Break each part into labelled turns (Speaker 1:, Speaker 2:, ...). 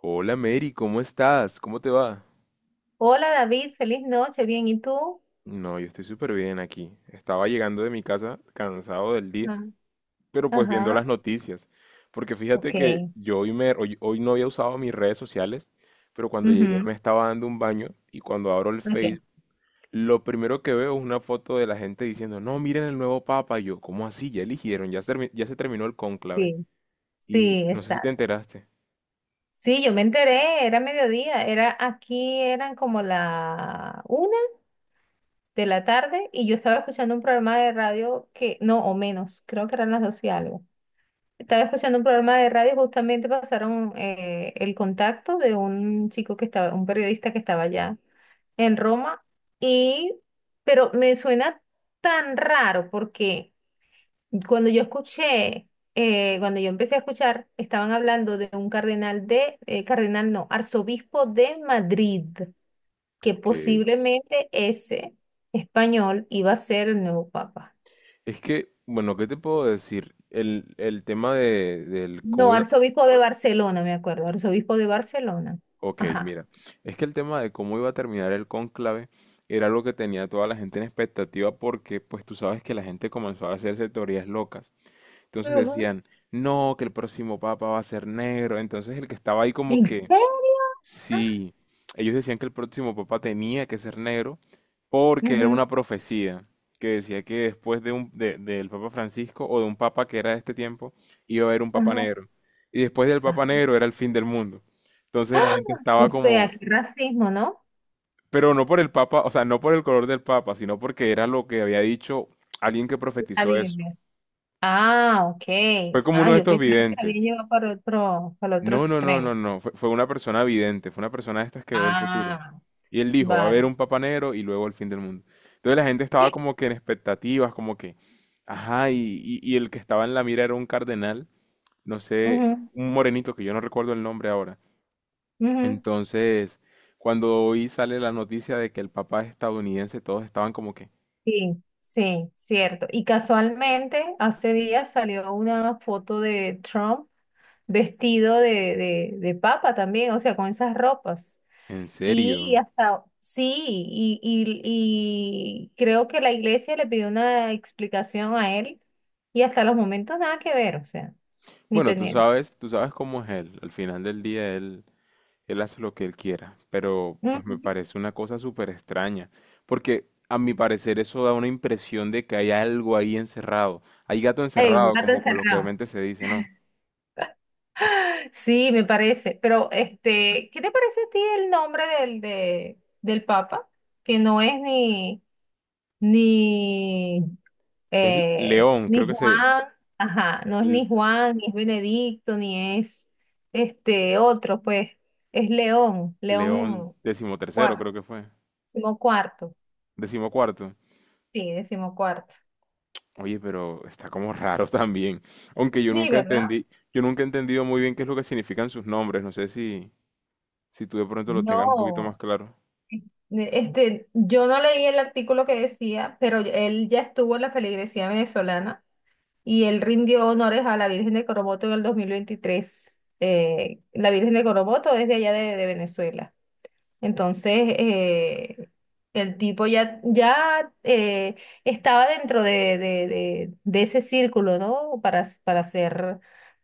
Speaker 1: Hola, Mary, ¿cómo estás? ¿Cómo te va?
Speaker 2: Hola David, feliz noche, bien, ¿y tú?
Speaker 1: No, yo estoy súper bien aquí. Estaba llegando de mi casa cansado del día,
Speaker 2: Ajá.
Speaker 1: pero pues viendo
Speaker 2: Ajá,
Speaker 1: las noticias. Porque fíjate
Speaker 2: ok.
Speaker 1: que yo hoy no había usado mis redes sociales, pero cuando llegué
Speaker 2: Ujú,
Speaker 1: me estaba dando un baño y cuando abro el
Speaker 2: ok,
Speaker 1: Facebook, lo primero que veo es una foto de la gente diciendo, no, miren el nuevo papa. Y yo, ¿cómo así? Ya se terminó el cónclave.
Speaker 2: sí,
Speaker 1: Y
Speaker 2: sí,
Speaker 1: no sé si te
Speaker 2: exacto.
Speaker 1: enteraste.
Speaker 2: Sí, yo me enteré, era mediodía, era aquí, eran como la una de la tarde y yo estaba escuchando un programa de radio que, no, o menos, creo que eran las dos y algo. Estaba escuchando un programa de radio, justamente pasaron el contacto de un chico que estaba, un periodista que estaba allá en Roma y, pero me suena tan raro porque... Cuando yo escuché, cuando yo empecé a escuchar, estaban hablando de un cardenal de, cardenal no, arzobispo de Madrid, que
Speaker 1: Ok.
Speaker 2: posiblemente ese español iba a ser el nuevo papa.
Speaker 1: Es que, bueno, ¿qué te puedo decir? El tema de, del cómo...
Speaker 2: No, arzobispo de Barcelona, me acuerdo, arzobispo de Barcelona.
Speaker 1: Ok,
Speaker 2: Ajá.
Speaker 1: mira, es que el tema de cómo iba a terminar el cónclave era lo que tenía toda la gente en expectativa, porque pues tú sabes que la gente comenzó a hacerse teorías locas. Entonces
Speaker 2: Ujú.
Speaker 1: decían, no, que el próximo papa va a ser negro. Entonces el que estaba ahí como
Speaker 2: ¿En
Speaker 1: que...
Speaker 2: serio?
Speaker 1: Sí, ellos decían que el próximo papa tenía que ser negro porque era
Speaker 2: Ujú,
Speaker 1: una profecía que decía que después de del papa Francisco, o de un papa que era de este tiempo, iba a haber un papa
Speaker 2: ajá.
Speaker 1: negro. Y después del
Speaker 2: Ah.
Speaker 1: papa negro era el fin del mundo. Entonces la
Speaker 2: ¡Ah!
Speaker 1: gente estaba
Speaker 2: O sea,
Speaker 1: como...
Speaker 2: qué racismo, ¿no?
Speaker 1: pero no por el papa, o sea, no por el color del papa, sino porque era lo que había dicho alguien que
Speaker 2: Está
Speaker 1: profetizó
Speaker 2: bien.
Speaker 1: eso.
Speaker 2: Ah,
Speaker 1: Fue
Speaker 2: ok.
Speaker 1: como uno
Speaker 2: Ah,
Speaker 1: de
Speaker 2: yo
Speaker 1: estos
Speaker 2: pensaba que la había
Speaker 1: videntes.
Speaker 2: llevado para otro, para el otro
Speaker 1: No, no, no, no,
Speaker 2: extremo.
Speaker 1: no. Fue una persona vidente, fue una persona de estas que ve el futuro.
Speaker 2: Ah,
Speaker 1: Y él dijo, va a haber
Speaker 2: vale.
Speaker 1: un papa negro y luego el fin del mundo. Entonces la gente estaba como que en expectativas, como que, ajá, y el que estaba en la mira era un cardenal, no sé,
Speaker 2: Ujú,
Speaker 1: un morenito que yo no recuerdo el nombre ahora.
Speaker 2: ujú.
Speaker 1: Entonces, cuando hoy sale la noticia de que el papá es estadounidense, todos estaban como que,
Speaker 2: Sí, sí, cierto. Y casualmente, hace días salió una foto de Trump vestido de, de papa también, o sea, con esas ropas.
Speaker 1: ¿en
Speaker 2: Y
Speaker 1: serio?
Speaker 2: hasta, sí, y creo que la iglesia le pidió una explicación a él y hasta los momentos nada que ver, o sea, ni
Speaker 1: Bueno,
Speaker 2: pendiente.
Speaker 1: tú sabes cómo es él. Al final del día él... Él hace lo que él quiera, pero pues me
Speaker 2: Ujú.
Speaker 1: parece una cosa súper extraña, porque a mi parecer eso da una impresión de que hay algo ahí encerrado, hay gato
Speaker 2: Ey, un
Speaker 1: encerrado,
Speaker 2: gato
Speaker 1: como
Speaker 2: encerrado.
Speaker 1: coloquialmente se dice, ¿no?
Speaker 2: Sí, me parece. Pero, este, ¿qué te parece a ti el nombre del, de, del Papa? Que no es ni,
Speaker 1: Es
Speaker 2: eh,
Speaker 1: León, creo
Speaker 2: ni
Speaker 1: que se...
Speaker 2: Juan, ajá, no es
Speaker 1: L-
Speaker 2: ni Juan, ni es Benedicto, ni es este otro, pues, es León,
Speaker 1: León
Speaker 2: León
Speaker 1: XIII,
Speaker 2: cuarto,
Speaker 1: creo que fue,
Speaker 2: decimocuarto,
Speaker 1: XIV.
Speaker 2: sí, decimocuarto.
Speaker 1: Oye, pero está como raro también, aunque yo
Speaker 2: Sí,
Speaker 1: nunca
Speaker 2: ¿verdad?
Speaker 1: entendí, yo nunca he entendido muy bien qué es lo que significan sus nombres, no sé si, si tú de pronto lo tengas un poquito más
Speaker 2: No.
Speaker 1: claro.
Speaker 2: Este, yo no leí el artículo que decía, pero él ya estuvo en la feligresía venezolana y él rindió honores a la Virgen de Coromoto en el 2023. La Virgen de Coromoto es de allá de Venezuela. Entonces, eh, el tipo ya, ya estaba dentro de ese círculo, ¿no? Para ser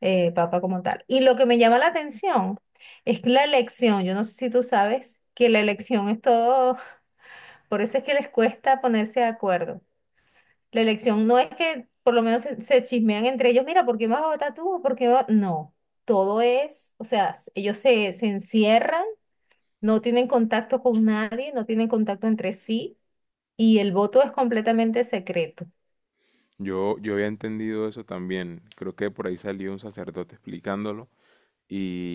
Speaker 2: papa como tal. Y lo que me llama la atención es que la elección, yo no sé si tú sabes que la elección es todo por eso es que les cuesta ponerse de acuerdo. La elección no es que por lo menos se chismean entre ellos, mira, ¿por qué vas a votar tú? No, todo es, o sea, ellos se encierran, no tienen contacto con nadie, no tienen contacto entre sí y el voto es completamente secreto.
Speaker 1: Yo había entendido eso también. Creo que por ahí salió un sacerdote explicándolo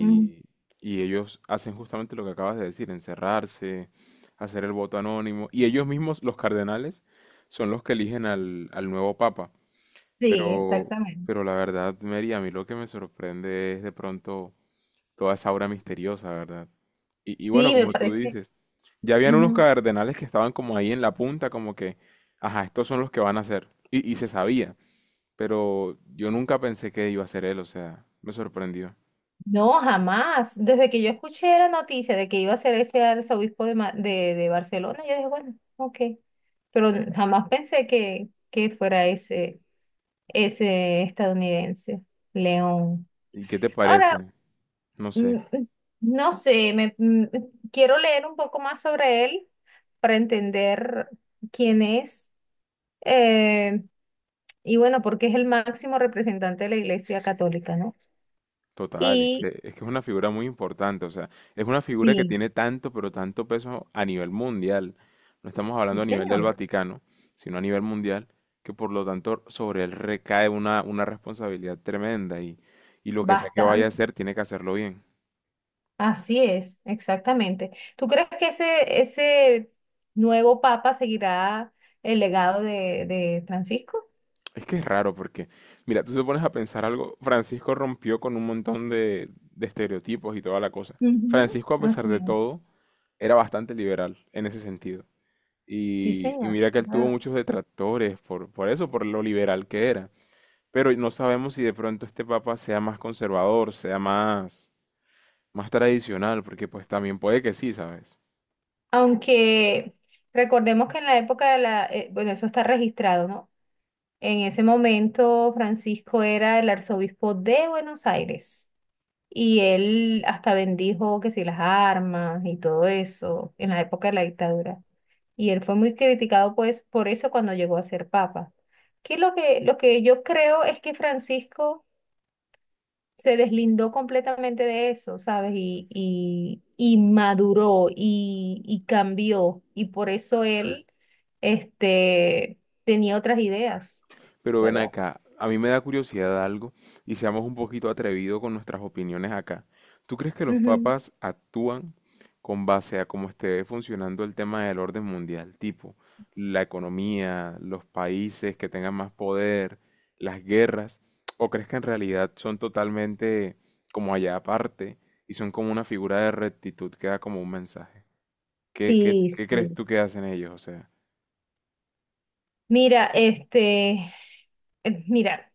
Speaker 2: Ujú.
Speaker 1: y ellos hacen justamente lo que acabas de decir, encerrarse, hacer el voto anónimo. Y ellos mismos, los cardenales, son los que eligen al nuevo papa.
Speaker 2: Sí,
Speaker 1: Pero,
Speaker 2: exactamente.
Speaker 1: pero la verdad, Mary, a mí lo que me sorprende es de pronto toda esa aura misteriosa, ¿verdad? Y bueno,
Speaker 2: Sí, me
Speaker 1: como tú
Speaker 2: parece.
Speaker 1: dices, ya habían unos
Speaker 2: Ujú.
Speaker 1: cardenales que estaban como ahí en la punta, como que, ajá, estos son los que van a ser. Y se sabía, pero yo nunca pensé que iba a ser él, o sea, me sorprendió.
Speaker 2: No, jamás. Desde que yo escuché la noticia de que iba a ser ese arzobispo de Barcelona, yo dije, bueno, ok. Pero jamás pensé que fuera ese estadounidense, León.
Speaker 1: ¿Y qué te
Speaker 2: Ahora,
Speaker 1: parece? No
Speaker 2: mm,
Speaker 1: sé.
Speaker 2: mm, no sé, quiero leer un poco más sobre él para entender quién es. eh, y bueno, porque es el máximo representante de la Iglesia Católica, ¿no?
Speaker 1: Total, es que,
Speaker 2: Y
Speaker 1: es que es una figura muy importante, o sea, es una figura que
Speaker 2: sí,
Speaker 1: tiene tanto, pero tanto peso a nivel mundial. No estamos
Speaker 2: sí,
Speaker 1: hablando a nivel del
Speaker 2: señor,
Speaker 1: Vaticano, sino a nivel mundial, que por lo tanto sobre él recae una responsabilidad tremenda y lo que sea que vaya a
Speaker 2: bastante.
Speaker 1: hacer, tiene que hacerlo bien.
Speaker 2: Así es, exactamente. ¿Tú crees que ese nuevo papa seguirá el legado de Francisco?
Speaker 1: Es que es raro porque, mira, tú te pones a pensar algo, Francisco rompió con un montón de estereotipos y toda la cosa.
Speaker 2: Ujú.
Speaker 1: Francisco, a pesar
Speaker 2: Así
Speaker 1: de
Speaker 2: es.
Speaker 1: todo, era bastante liberal en ese sentido.
Speaker 2: Sí,
Speaker 1: Y
Speaker 2: señor.
Speaker 1: mira que él tuvo
Speaker 2: Claro.
Speaker 1: muchos detractores por eso, por lo liberal que era. Pero no sabemos si de pronto este papa sea más conservador, sea más, más tradicional, porque pues también puede que sí, ¿sabes?
Speaker 2: Aunque recordemos que en la época de la, bueno, eso está registrado, ¿no? En ese momento Francisco era el arzobispo de Buenos Aires y él hasta bendijo que si las armas y todo eso en la época de la dictadura. Y él fue muy criticado pues por eso cuando llegó a ser papa. Que lo que yo creo es que Francisco se deslindó completamente de eso, ¿sabes? Y maduró y cambió. Y por eso él este, tenía otras ideas,
Speaker 1: Pero ven
Speaker 2: ¿verdad?
Speaker 1: acá, a mí me da curiosidad algo, y seamos un poquito atrevidos con nuestras opiniones acá. ¿Tú crees que los
Speaker 2: Ujú.
Speaker 1: papas actúan con base a cómo esté funcionando el tema del orden mundial? Tipo, la economía, los países que tengan más poder, las guerras. ¿O crees que en realidad son totalmente como allá aparte y son como una figura de rectitud que da como un mensaje? ¿Qué, qué,
Speaker 2: Sí,
Speaker 1: qué crees
Speaker 2: sí.
Speaker 1: tú que hacen ellos? O sea...
Speaker 2: Mira, este, mira.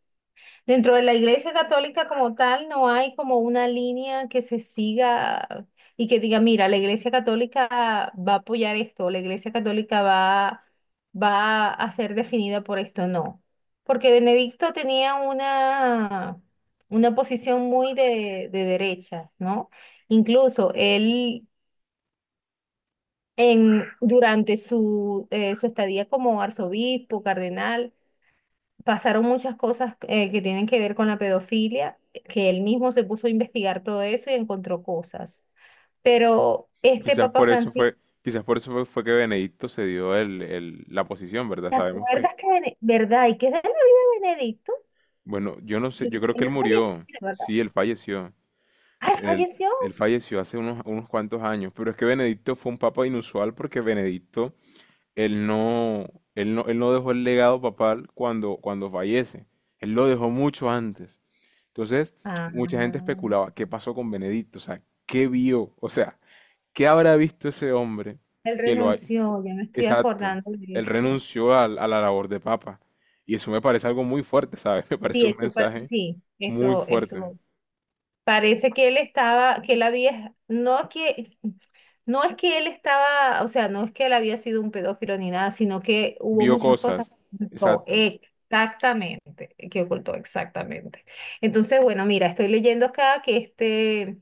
Speaker 2: Dentro de la Iglesia Católica como tal, no hay como una línea que se siga y que diga, mira, la Iglesia Católica va a apoyar esto, la Iglesia Católica va a ser definida por esto, no. Porque Benedicto tenía una posición muy de derecha, ¿no? Incluso él, durante su estadía como arzobispo, cardenal, pasaron muchas cosas que tienen que ver con la pedofilia, que él mismo se puso a investigar todo eso y encontró cosas. Pero este
Speaker 1: Quizás
Speaker 2: Papa
Speaker 1: por eso
Speaker 2: Francisco,
Speaker 1: fue, quizás por eso fue que Benedicto se dio la posición, ¿verdad?
Speaker 2: ¿te
Speaker 1: Sabemos que,
Speaker 2: acuerdas que, verdad? ¿Y qué es de la vida de Benedicto?
Speaker 1: bueno, yo no sé,
Speaker 2: Él
Speaker 1: yo creo que
Speaker 2: él
Speaker 1: él
Speaker 2: no falleció,
Speaker 1: murió,
Speaker 2: ¿verdad?
Speaker 1: sí, él falleció,
Speaker 2: Ah, él
Speaker 1: él,
Speaker 2: falleció.
Speaker 1: él falleció hace unos, unos cuantos años, pero es que Benedicto fue un papa inusual porque Benedicto, él no, él no, él no dejó el legado papal cuando, cuando fallece, él lo dejó mucho antes. Entonces, mucha gente
Speaker 2: Ah,
Speaker 1: especulaba, ¿qué pasó con Benedicto? O sea, ¿qué vio? O sea, ¿qué habrá visto ese hombre
Speaker 2: él
Speaker 1: que lo hay?
Speaker 2: renunció, ya me estoy
Speaker 1: Exacto.
Speaker 2: acordando de
Speaker 1: Él
Speaker 2: eso.
Speaker 1: renunció a la labor de papa. Y eso me parece algo muy fuerte, ¿sabes? Me
Speaker 2: Sí,
Speaker 1: parece un
Speaker 2: eso,
Speaker 1: mensaje
Speaker 2: sí,
Speaker 1: muy
Speaker 2: eso,
Speaker 1: fuerte.
Speaker 2: eso. Parece que él estaba, que él había, no que, no es que él estaba, o sea, no es que él había sido un pedófilo ni nada, sino que hubo
Speaker 1: Vio
Speaker 2: muchas cosas
Speaker 1: cosas.
Speaker 2: que ocultó,
Speaker 1: Exacto.
Speaker 2: exactamente, que ocultó, exactamente. Entonces, bueno, mira, estoy leyendo acá que este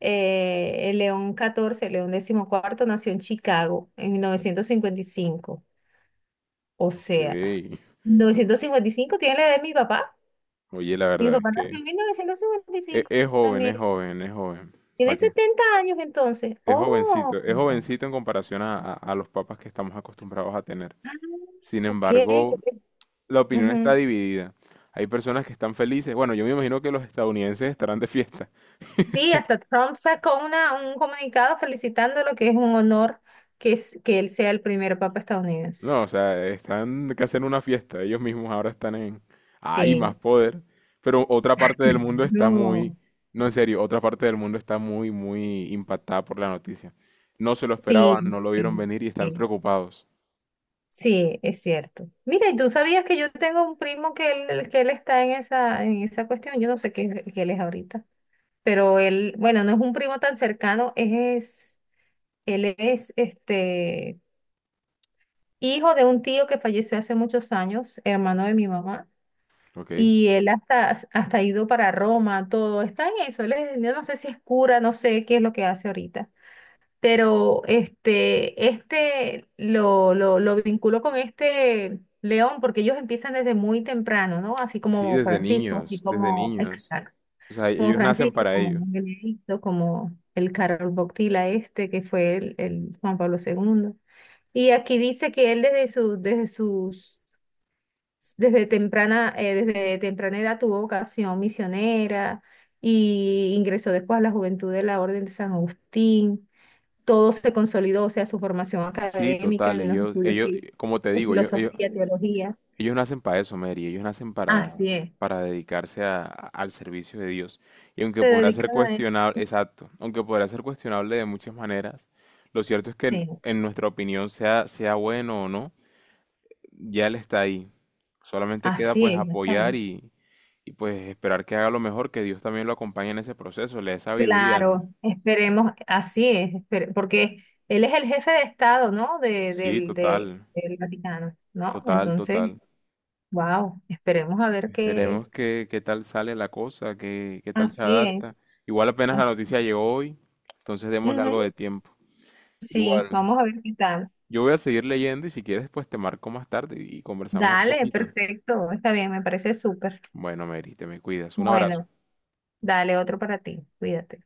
Speaker 2: eh, el León catorce León XIV, nació en Chicago en 1955. O
Speaker 1: Ok.
Speaker 2: sea, 1955 tiene la edad de mi papá.
Speaker 1: Oye, la
Speaker 2: Mi
Speaker 1: verdad es
Speaker 2: papá nació
Speaker 1: que
Speaker 2: en mil novecientos cincuenta y cinco
Speaker 1: es joven,
Speaker 2: también.
Speaker 1: es joven, es joven.
Speaker 2: Tiene
Speaker 1: ¿Para qué?
Speaker 2: 70 años entonces. Oh,
Speaker 1: Es jovencito en comparación a, a los papas que estamos acostumbrados a tener.
Speaker 2: ah,
Speaker 1: Sin
Speaker 2: ok.
Speaker 1: embargo, la opinión está
Speaker 2: Ujú.
Speaker 1: dividida. Hay personas que están felices. Bueno, yo me imagino que los estadounidenses estarán de fiesta.
Speaker 2: Sí, hasta Trump sacó un comunicado felicitándolo, que es un honor que él sea el primer papa estadounidense.
Speaker 1: No, o sea, están que hacen una fiesta. Ellos mismos ahora están en... Hay más
Speaker 2: Sí.
Speaker 1: poder. Pero otra parte del mundo está
Speaker 2: No.
Speaker 1: muy... No, en serio, otra parte del mundo está muy, muy impactada por la noticia. No se lo
Speaker 2: Sí,
Speaker 1: esperaban, no lo vieron
Speaker 2: sí,
Speaker 1: venir y están
Speaker 2: sí.
Speaker 1: preocupados.
Speaker 2: Sí, es cierto. Mira, ¿y tú sabías que yo tengo un primo que él está en esa cuestión? Yo no sé qué, qué él es ahorita, pero él, bueno, no es un primo tan cercano, es, él es, este, hijo de un tío que falleció hace muchos años, hermano de mi mamá,
Speaker 1: ¿Ok?
Speaker 2: y él hasta ha ido para Roma, todo, está en eso, yo no sé si es cura, no sé qué es lo que hace ahorita, pero este lo vinculo con este León, porque ellos empiezan desde muy temprano, ¿no? Así
Speaker 1: Sí,
Speaker 2: como
Speaker 1: desde
Speaker 2: Francisco, así
Speaker 1: niños, desde
Speaker 2: como,
Speaker 1: niños.
Speaker 2: exacto,
Speaker 1: O sea,
Speaker 2: como
Speaker 1: ellos nacen
Speaker 2: Francisco,
Speaker 1: para
Speaker 2: como
Speaker 1: ello.
Speaker 2: Benedicto, como el Carol Boctila este, que fue el Juan Pablo segundo. Y aquí dice que él desde su, desde sus, desde temprana edad tuvo vocación misionera y ingresó después a la juventud de la Orden de San Agustín. Todo se consolidó, o sea, su formación
Speaker 1: Sí,
Speaker 2: académica
Speaker 1: total,
Speaker 2: en los
Speaker 1: ellos,
Speaker 2: estudios
Speaker 1: ellos, como te
Speaker 2: en
Speaker 1: digo, yo- ellos,
Speaker 2: filosofía, teología.
Speaker 1: Ellos nacen para eso, Mary. Ellos nacen
Speaker 2: Así es.
Speaker 1: para dedicarse al servicio de Dios. Y aunque
Speaker 2: Se
Speaker 1: podrá ser
Speaker 2: dedican a él,
Speaker 1: cuestionable,
Speaker 2: ¿no?
Speaker 1: exacto, aunque podrá ser cuestionable de muchas maneras, lo cierto es que
Speaker 2: Sí,
Speaker 1: en nuestra opinión, sea, sea bueno o no, ya Él está ahí. Solamente queda
Speaker 2: así
Speaker 1: pues
Speaker 2: es, ya está.
Speaker 1: apoyar y pues esperar que haga lo mejor, que Dios también lo acompañe en ese proceso, le dé sabiduría, ¿no?
Speaker 2: Claro, esperemos, así es, porque él es el jefe de Estado, ¿no? De,
Speaker 1: Sí,
Speaker 2: del, del,
Speaker 1: total,
Speaker 2: del Vaticano, ¿no?
Speaker 1: total,
Speaker 2: Entonces,
Speaker 1: total.
Speaker 2: wow, esperemos a ver qué.
Speaker 1: Veremos qué, qué tal sale la cosa, qué, qué tal se
Speaker 2: Así es,
Speaker 1: adapta. Igual apenas la
Speaker 2: así.
Speaker 1: noticia llegó hoy, entonces démosle algo de
Speaker 2: Ujú,
Speaker 1: tiempo.
Speaker 2: sí,
Speaker 1: Igual,
Speaker 2: vamos a ver qué tal.
Speaker 1: yo voy a seguir leyendo y si quieres, pues te marco más tarde y conversamos un
Speaker 2: Dale,
Speaker 1: poquito.
Speaker 2: perfecto, está bien, me parece súper.
Speaker 1: Bueno, Mary, te me cuidas. Un abrazo.
Speaker 2: Bueno, dale otro para ti, cuídate.